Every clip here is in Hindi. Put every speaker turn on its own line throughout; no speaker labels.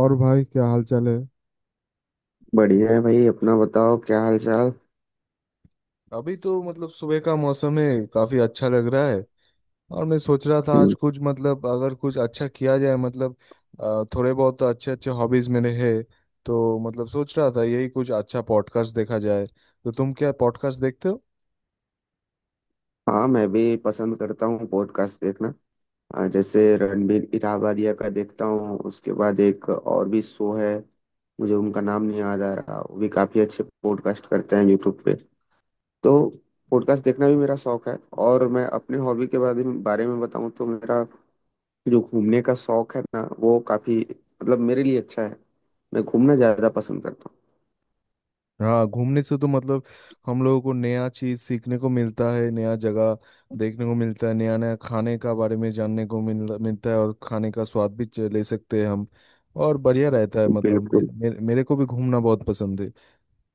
और भाई क्या हाल चाल है।
बढ़िया है भाई। अपना बताओ क्या हाल चाल।
अभी तो मतलब सुबह का मौसम है, काफी अच्छा लग रहा है। और मैं सोच रहा था
हम्म,
आज कुछ मतलब अगर कुछ अच्छा किया जाए मतलब थोड़े बहुत तो अच्छे अच्छे हॉबीज मेरे हैं। तो मतलब सोच रहा था यही कुछ अच्छा पॉडकास्ट देखा जाए। तो तुम क्या पॉडकास्ट देखते हो?
हाँ मैं भी पसंद करता हूँ पॉडकास्ट देखना। जैसे रणबीर इराबादिया का देखता हूँ। उसके बाद एक और भी शो है, मुझे उनका नाम नहीं याद आ रहा। वो भी काफी अच्छे पॉडकास्ट करते हैं यूट्यूब पे। तो पॉडकास्ट देखना भी मेरा शौक है। और मैं अपने हॉबी के बारे में बताऊँ तो मेरा जो घूमने का शौक है ना वो काफी मतलब मेरे लिए अच्छा है। मैं घूमना ज्यादा पसंद करता
हाँ, घूमने से तो मतलब हम लोगों को नया चीज सीखने को मिलता है, नया जगह देखने को मिलता है, नया नया खाने का बारे में जानने को मिलता है और खाने का स्वाद भी ले सकते हैं हम। और बढ़िया रहता है।
हूँ।
मतलब
बिल्कुल।
मेरे को भी घूमना बहुत पसंद है।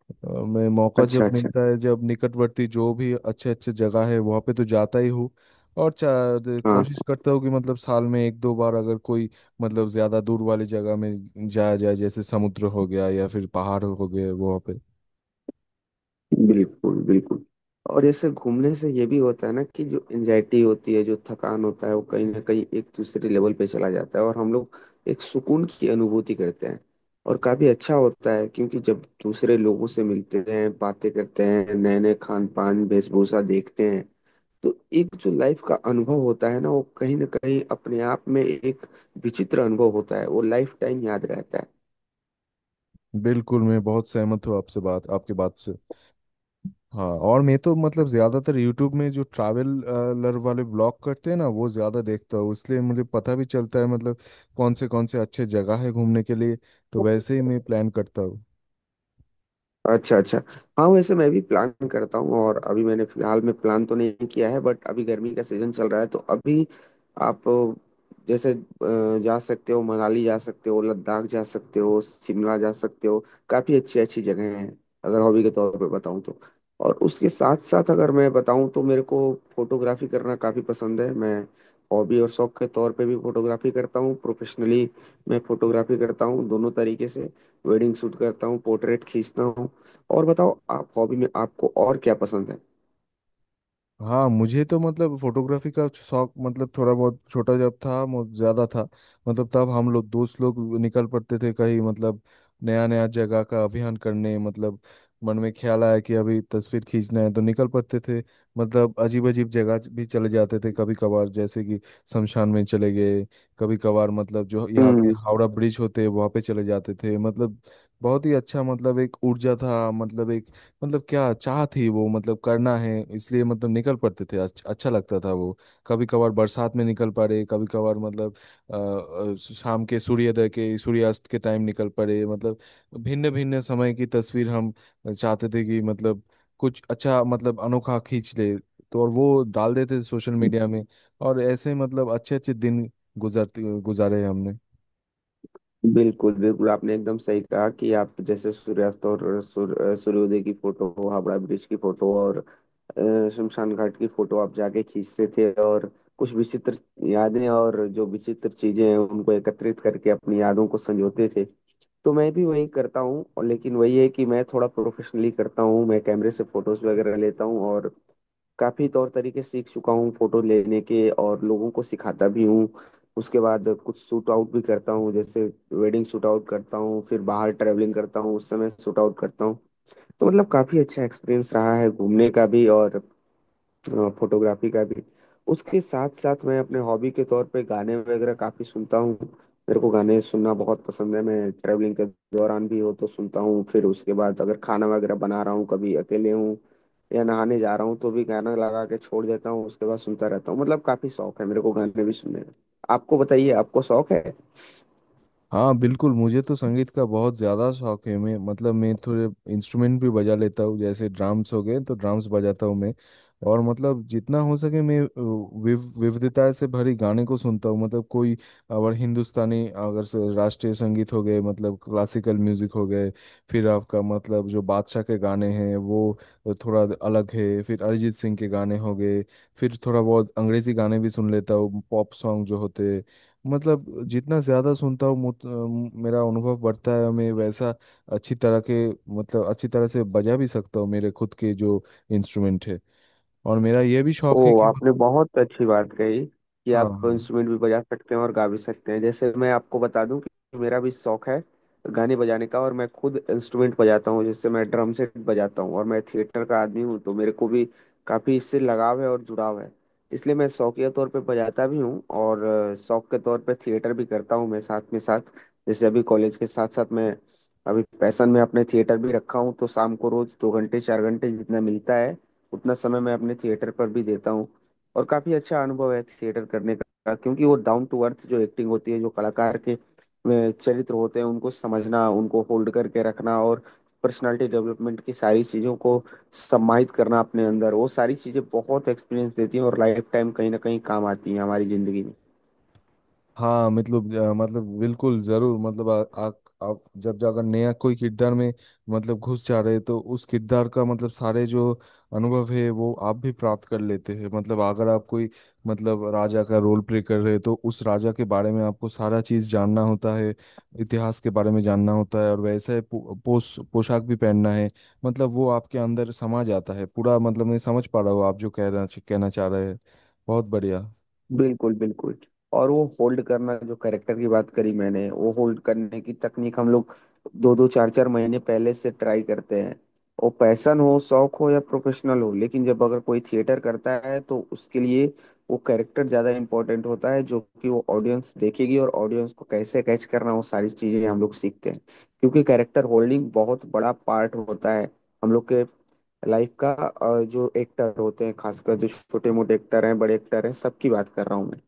मैं मौका
अच्छा
जब
अच्छा।
मिलता है जब निकटवर्ती जो भी अच्छे अच्छे जगह है वहाँ पे तो जाता ही हूँ। और
हाँ,
कोशिश करता हूँ कि मतलब साल में एक दो बार अगर कोई मतलब ज्यादा दूर वाली जगह में जाया जाए, जैसे समुद्र हो गया या फिर पहाड़ हो गए वहाँ पे।
बिल्कुल बिल्कुल। और जैसे घूमने से ये भी होता है ना कि जो एंजाइटी होती है, जो थकान होता है, वो कहीं ना कहीं एक दूसरे लेवल पे चला जाता है और हम लोग एक सुकून की अनुभूति करते हैं। और काफी अच्छा होता है, क्योंकि जब दूसरे लोगों से मिलते हैं, बातें करते हैं, नए नए खान पान वेशभूषा देखते हैं, तो एक जो लाइफ का अनुभव होता है ना वो कहीं ना कहीं अपने आप में एक विचित्र अनुभव होता है। वो लाइफ टाइम याद रहता है।
बिल्कुल, मैं बहुत सहमत हूँ आपसे, बात आपके बात से। हाँ, और मैं तो मतलब ज़्यादातर यूट्यूब में जो ट्रैवलर वाले ब्लॉग करते हैं ना, वो ज़्यादा देखता हूँ। इसलिए मुझे पता भी चलता है मतलब कौन से अच्छे जगह है घूमने के लिए। तो वैसे ही मैं प्लान करता हूँ।
अच्छा अच्छा। हाँ वैसे मैं भी प्लान करता हूँ। और अभी मैंने फिलहाल में प्लान तो नहीं किया है, बट अभी गर्मी का सीजन चल रहा है तो अभी आप जैसे जा सकते हो मनाली, जा सकते हो लद्दाख, जा सकते हो शिमला जा सकते हो। काफी अच्छी अच्छी जगह हैं। अगर हॉबी के तौर पे बताऊँ तो और उसके साथ साथ अगर मैं बताऊँ तो मेरे को फोटोग्राफी करना काफी पसंद है। मैं हॉबी और शौक के तौर पे भी फोटोग्राफी करता हूँ। प्रोफेशनली मैं फोटोग्राफी करता हूँ दोनों तरीके से। वेडिंग शूट करता हूँ, पोर्ट्रेट खींचता हूँ। और बताओ आप, हॉबी में आपको और क्या पसंद है?
हाँ, मुझे तो मतलब फोटोग्राफी का शौक मतलब थोड़ा बहुत छोटा जब था ज्यादा था। मतलब तब हम लोग दोस्त लोग निकल पड़ते थे कहीं मतलब नया नया जगह का अभियान करने मतलब मन में ख्याल आया कि अभी तस्वीर खींचना है तो निकल पड़ते थे। मतलब अजीब अजीब जगह भी चले जाते थे कभी कभार, जैसे कि शमशान में चले गए। कभी कभार मतलब जो यहाँ के
हम्म।
हावड़ा ब्रिज होते हैं वहाँ पे चले जाते थे। मतलब बहुत ही अच्छा, मतलब एक ऊर्जा था, मतलब एक मतलब क्या चाह थी वो मतलब करना है इसलिए मतलब निकल पड़ते थे। अच्छा लगता था वो। कभी कभार बरसात में निकल पड़े। कभी कभार मतलब अ, शाम के सूर्योदय के सूर्यास्त के टाइम निकल पड़े। मतलब भिन्न भिन्न समय की तस्वीर हम चाहते थे कि मतलब कुछ अच्छा मतलब अनोखा खींच ले। तो और वो डाल देते थे सोशल मीडिया में। और ऐसे मतलब अच्छे अच्छे दिन गुजरते गुजारे हमने।
बिल्कुल बिल्कुल, आपने एकदम सही कहा कि आप जैसे सूर्यास्त और सूर्योदय की फोटो, हावड़ा ब्रिज की फोटो और शमशान घाट की फोटो आप जाके खींचते थे और कुछ विचित्र यादें और जो विचित्र चीजें हैं उनको एकत्रित करके अपनी यादों को संजोते थे। तो मैं भी वही करता हूँ। और लेकिन वही है कि मैं थोड़ा प्रोफेशनली करता हूँ। मैं कैमरे से फोटोज वगैरह लेता हूँ और काफी तौर तरीके सीख चुका हूँ फोटो लेने के, और लोगों को सिखाता भी हूँ। उसके बाद कुछ शूट आउट भी करता हूँ, जैसे वेडिंग शूट आउट करता हूँ, फिर बाहर ट्रैवलिंग करता हूँ उस समय शूट आउट करता हूँ। तो मतलब काफी अच्छा एक्सपीरियंस रहा है घूमने का भी और फोटोग्राफी का भी। उसके साथ साथ मैं अपने हॉबी के तौर पे गाने वगैरह काफी सुनता हूँ। मेरे को गाने सुनना बहुत पसंद है। मैं ट्रेवलिंग के दौरान भी हो तो सुनता हूँ, फिर उसके बाद अगर खाना वगैरह बना रहा हूँ, कभी अकेले हूँ या नहाने जा रहा हूँ तो भी गाना लगा के छोड़ देता हूँ, उसके बाद सुनता रहता हूँ। मतलब काफी शौक है मेरे को गाने भी सुनने का। आपको बताइए, आपको शौक है?
हाँ बिल्कुल। मुझे तो संगीत का बहुत ज़्यादा शौक है। मैं थोड़े इंस्ट्रूमेंट भी बजा लेता हूँ, जैसे ड्राम्स हो गए तो ड्राम्स बजाता हूँ मैं। और मतलब जितना हो सके मैं विविधता से भरे गाने को सुनता हूँ। मतलब कोई अगर हिंदुस्तानी अगर राष्ट्रीय संगीत हो गए मतलब क्लासिकल म्यूजिक हो गए, फिर आपका मतलब जो बादशाह के गाने हैं वो थोड़ा अलग है, फिर अरिजीत सिंह के गाने हो गए, फिर थोड़ा बहुत अंग्रेजी गाने भी सुन लेता हूँ, पॉप सॉन्ग जो होते हैं। मतलब जितना ज़्यादा सुनता हूँ मेरा अनुभव बढ़ता है। मैं वैसा अच्छी तरह के मतलब अच्छी तरह से बजा भी सकता हूँ मेरे खुद के जो इंस्ट्रूमेंट है। और मेरा ये भी शौक है
ओ
कि
आपने
मतलब।
बहुत अच्छी बात कही कि
हाँ
आप
हाँ
इंस्ट्रूमेंट भी बजा सकते हैं और गा भी सकते हैं। जैसे मैं आपको बता दूं कि मेरा भी शौक है गाने बजाने का, और मैं खुद इंस्ट्रूमेंट बजाता हूँ। जैसे मैं ड्रम सेट बजाता हूँ। और मैं थिएटर का आदमी हूँ तो मेरे को भी काफी इससे लगाव है और जुड़ाव है। इसलिए मैं शौकिया तौर पे बजाता भी हूँ और शौक के तौर पे थिएटर भी करता हूँ। मैं साथ में साथ जैसे अभी कॉलेज के साथ साथ मैं अभी पैशन में अपने थिएटर भी रखा हूँ। तो शाम को रोज दो घंटे चार घंटे जितना मिलता है उतना समय मैं अपने थिएटर पर भी देता हूँ। और काफी अच्छा अनुभव है थिएटर करने का, क्योंकि वो डाउन टू अर्थ जो एक्टिंग होती है, जो कलाकार के चरित्र होते हैं उनको समझना, उनको होल्ड करके रखना और पर्सनालिटी डेवलपमेंट की सारी चीजों को सम्मानित करना अपने अंदर, वो सारी चीजें बहुत एक्सपीरियंस देती हैं और लाइफ टाइम कहीं ना कहीं काम आती हैं हमारी जिंदगी में।
हाँ। मतलब मतलब बिल्कुल जरूर। मतलब आ, आ, आप जब जाकर नया कोई किरदार में मतलब घुस जा रहे हैं, तो उस किरदार का मतलब सारे जो अनुभव है वो आप भी प्राप्त कर लेते हैं। मतलब अगर आप कोई मतलब राजा का रोल प्ले कर रहे हैं तो उस राजा के बारे में आपको सारा चीज जानना होता है। इतिहास के बारे में जानना होता है और वैसे पोश पोशाक भी पहनना है। मतलब वो आपके अंदर समा जाता है पूरा। मतलब मैं समझ पा रहा हूँ आप जो कह रहा कहना चाह रहे हैं। बहुत बढ़िया।
बिल्कुल बिल्कुल। और वो होल्ड करना, जो कैरेक्टर की बात करी मैंने, वो होल्ड करने की तकनीक हम लोग दो दो चार चार महीने पहले से ट्राई करते हैं। वो पैशन हो, शौक हो या प्रोफेशनल हो, लेकिन जब अगर कोई थिएटर करता है तो उसके लिए वो कैरेक्टर ज्यादा इंपॉर्टेंट होता है, जो कि वो ऑडियंस देखेगी। और ऑडियंस को कैसे कैच करना, वो सारी चीजें हम लोग सीखते हैं। क्योंकि कैरेक्टर होल्डिंग बहुत बड़ा पार्ट होता है हम लोग के लाइफ का। और जो एक्टर होते हैं, खासकर जो छोटे मोटे एक्टर हैं, बड़े एक्टर हैं, सबकी बात कर रहा हूँ मैं।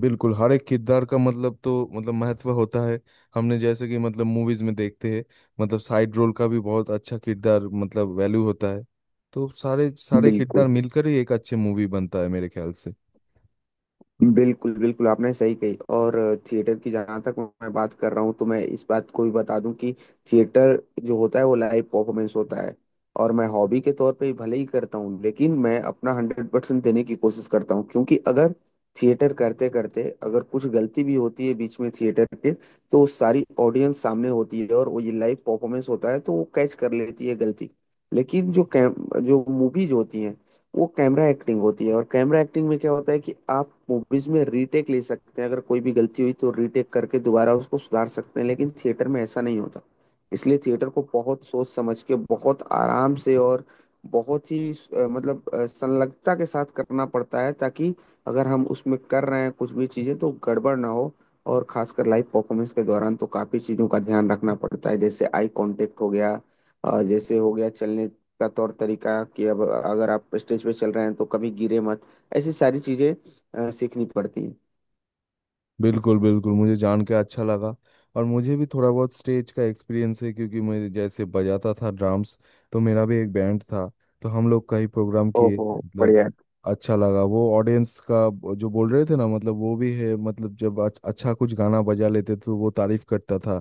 बिल्कुल, हर एक किरदार का मतलब तो मतलब महत्व होता है। हमने जैसे कि मतलब मूवीज में देखते हैं मतलब साइड रोल का भी बहुत अच्छा किरदार मतलब वैल्यू होता है। तो सारे सारे किरदार
बिल्कुल
मिलकर ही एक अच्छे मूवी बनता है मेरे ख्याल से।
बिल्कुल बिल्कुल, आपने सही कही। और थिएटर की जहाँ तक मैं बात कर रहा हूँ, तो मैं इस बात को भी बता दूं कि थिएटर जो होता है वो लाइव परफॉर्मेंस होता है। और मैं हॉबी के तौर पे भले ही करता हूँ लेकिन मैं अपना हंड्रेड परसेंट देने की कोशिश करता हूँ। क्योंकि अगर थिएटर करते करते अगर कुछ गलती भी होती है बीच में थिएटर के, तो वो सारी ऑडियंस सामने होती है, और वो ये लाइव परफॉर्मेंस होता है तो वो कैच कर लेती है गलती। लेकिन जो कैम, जो मूवीज होती हैं, वो कैमरा एक्टिंग होती है। और कैमरा एक्टिंग में क्या होता है कि आप मूवीज में रीटेक ले सकते हैं। अगर कोई भी गलती हुई तो रीटेक करके दोबारा उसको सुधार सकते हैं। लेकिन थिएटर में ऐसा नहीं होता। इसलिए थिएटर को बहुत सोच समझ के, बहुत आराम से और बहुत ही मतलब संलग्नता के साथ करना पड़ता है, ताकि अगर हम उसमें कर रहे हैं कुछ भी चीजें तो गड़बड़ ना हो। और खासकर लाइव परफॉर्मेंस के दौरान तो काफी चीजों का ध्यान रखना पड़ता है, जैसे आई कांटेक्ट हो गया, जैसे हो गया चलने का तौर तरीका कि अब अगर आप स्टेज पे चल रहे हैं तो कभी गिरे मत। ऐसी सारी चीजें सीखनी पड़ती हैं।
बिल्कुल बिल्कुल, मुझे जान के अच्छा लगा। और मुझे भी थोड़ा बहुत स्टेज का एक्सपीरियंस है, क्योंकि मैं जैसे बजाता था ड्राम्स, तो मेरा भी एक बैंड था। तो हम लोग कई प्रोग्राम किए
ओहो,
मतलब
बढ़िया।
अच्छा लगा वो ऑडियंस का जो बोल रहे थे ना मतलब वो भी है। मतलब जब अच्छा कुछ गाना बजा लेते तो वो तारीफ करता था।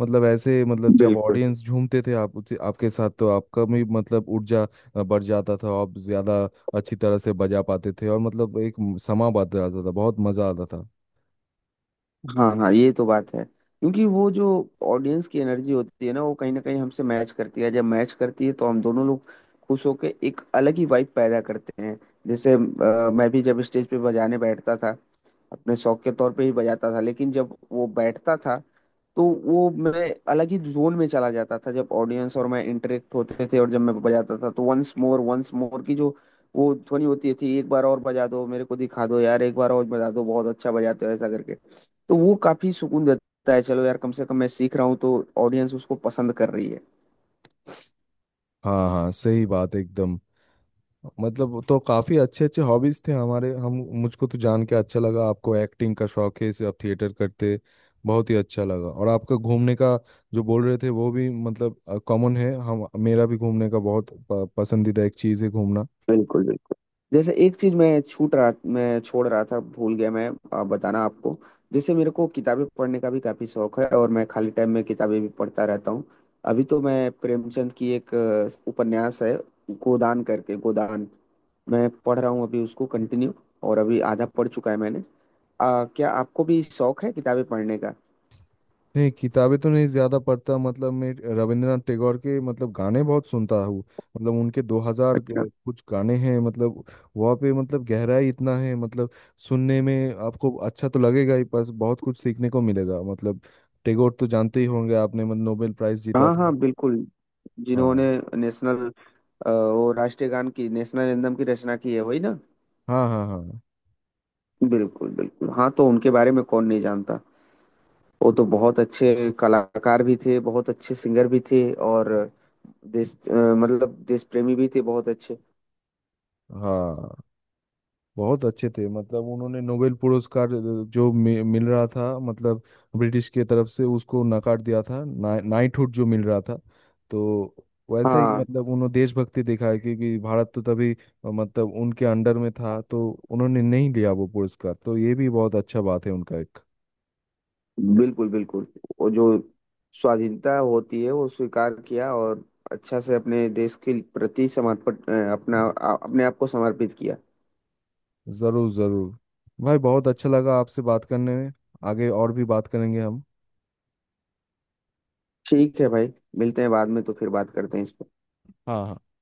मतलब ऐसे मतलब जब
बिल्कुल।
ऑडियंस झूमते थे आप आपके साथ तो आपका भी मतलब ऊर्जा बढ़ जाता था। आप ज्यादा अच्छी तरह से बजा पाते थे। और मतलब एक समा बात जाता था, बहुत मजा आता था।
हाँ हाँ, ये तो बात है, क्योंकि वो जो ऑडियंस की एनर्जी होती है ना वो कहीं ना कहीं हमसे मैच करती है। जब मैच करती है तो हम दोनों लोग खुश होके एक अलग ही वाइब पैदा करते हैं। जैसे मैं भी जब स्टेज पे बजाने बैठता था, अपने शौक के तौर पे ही बजाता था, लेकिन जब वो बैठता था तो वो मैं अलग ही जोन में चला जाता था। जब ऑडियंस और मैं इंटरेक्ट होते थे और जब मैं बजाता था तो वंस मोर की जो वो ध्वनि होती थी, एक बार और बजा दो, मेरे को दिखा दो यार, एक बार और बजा दो, बहुत अच्छा बजाते हो, ऐसा करके, तो वो काफी सुकून देता है चलो यार, कम से कम मैं सीख रहा हूँ तो ऑडियंस उसको पसंद कर रही है।
हाँ हाँ, सही बात एकदम। मतलब तो काफ़ी अच्छे अच्छे हॉबीज़ थे हमारे हम। मुझको तो जान के अच्छा लगा आपको एक्टिंग का शौक है, इसे आप थिएटर करते। बहुत ही अच्छा लगा। और आपका घूमने का जो बोल रहे थे वो भी मतलब कॉमन है। हम मेरा भी घूमने का बहुत पसंदीदा एक चीज़ है घूमना।
बिल्कुल बिल्कुल। जैसे एक चीज मैं छूट रहा, मैं छोड़ रहा था, भूल गया मैं बताना आपको। जैसे मेरे को किताबें पढ़ने का भी काफी शौक है, और मैं खाली टाइम में किताबें भी पढ़ता रहता हूँ। अभी तो मैं प्रेमचंद की एक उपन्यास है गोदान करके, गोदान मैं पढ़ रहा हूँ अभी उसको कंटिन्यू। और अभी आधा पढ़ चुका है मैंने। क्या आपको भी शौक है किताबें पढ़ने का?
नहीं, किताबें तो नहीं ज़्यादा पढ़ता। मतलब मैं रविंद्रनाथ टैगोर के मतलब गाने बहुत सुनता हूँ। मतलब उनके 2000
अच्छा।
कुछ गाने हैं मतलब वहाँ पे मतलब गहराई इतना है मतलब। सुनने में आपको अच्छा तो लगेगा ही पर बहुत कुछ सीखने को मिलेगा। मतलब टैगोर तो जानते ही होंगे आपने, मतलब नोबेल प्राइज जीता
हाँ हाँ,
था।
बिल्कुल।
हाँ
जिन्होंने नेशनल, वो राष्ट्रीय गान की, नेशनल एंथम की रचना की है, वही ना?
हाँ हाँ। हाँ
बिल्कुल बिल्कुल, हाँ, तो उनके बारे में कौन नहीं जानता। वो तो बहुत अच्छे कलाकार भी थे, बहुत अच्छे सिंगर भी थे। और देश मतलब देश प्रेमी भी थे बहुत अच्छे।
हाँ, बहुत अच्छे थे। मतलब उन्होंने नोबेल पुरस्कार जो मिल रहा था मतलब ब्रिटिश के तरफ से, उसको नकार दिया था ना, नाइटहुड जो मिल रहा था। तो वैसे ही
हाँ।
मतलब उन्होंने देशभक्ति दिखाई, क्योंकि भारत तो तभी मतलब उनके अंडर में था तो उन्होंने नहीं लिया वो पुरस्कार। तो ये भी बहुत अच्छा बात है उनका एक।
बिल्कुल बिल्कुल। वो जो स्वाधीनता होती है वो स्वीकार किया, और अच्छा से अपने देश के प्रति समर्पण अपना अपने आप को समर्पित किया।
जरूर जरूर। भाई बहुत अच्छा लगा आपसे बात करने में। आगे और भी बात करेंगे हम।
ठीक है भाई, मिलते हैं बाद में, तो फिर बात करते हैं इस पर।
हाँ हाँ।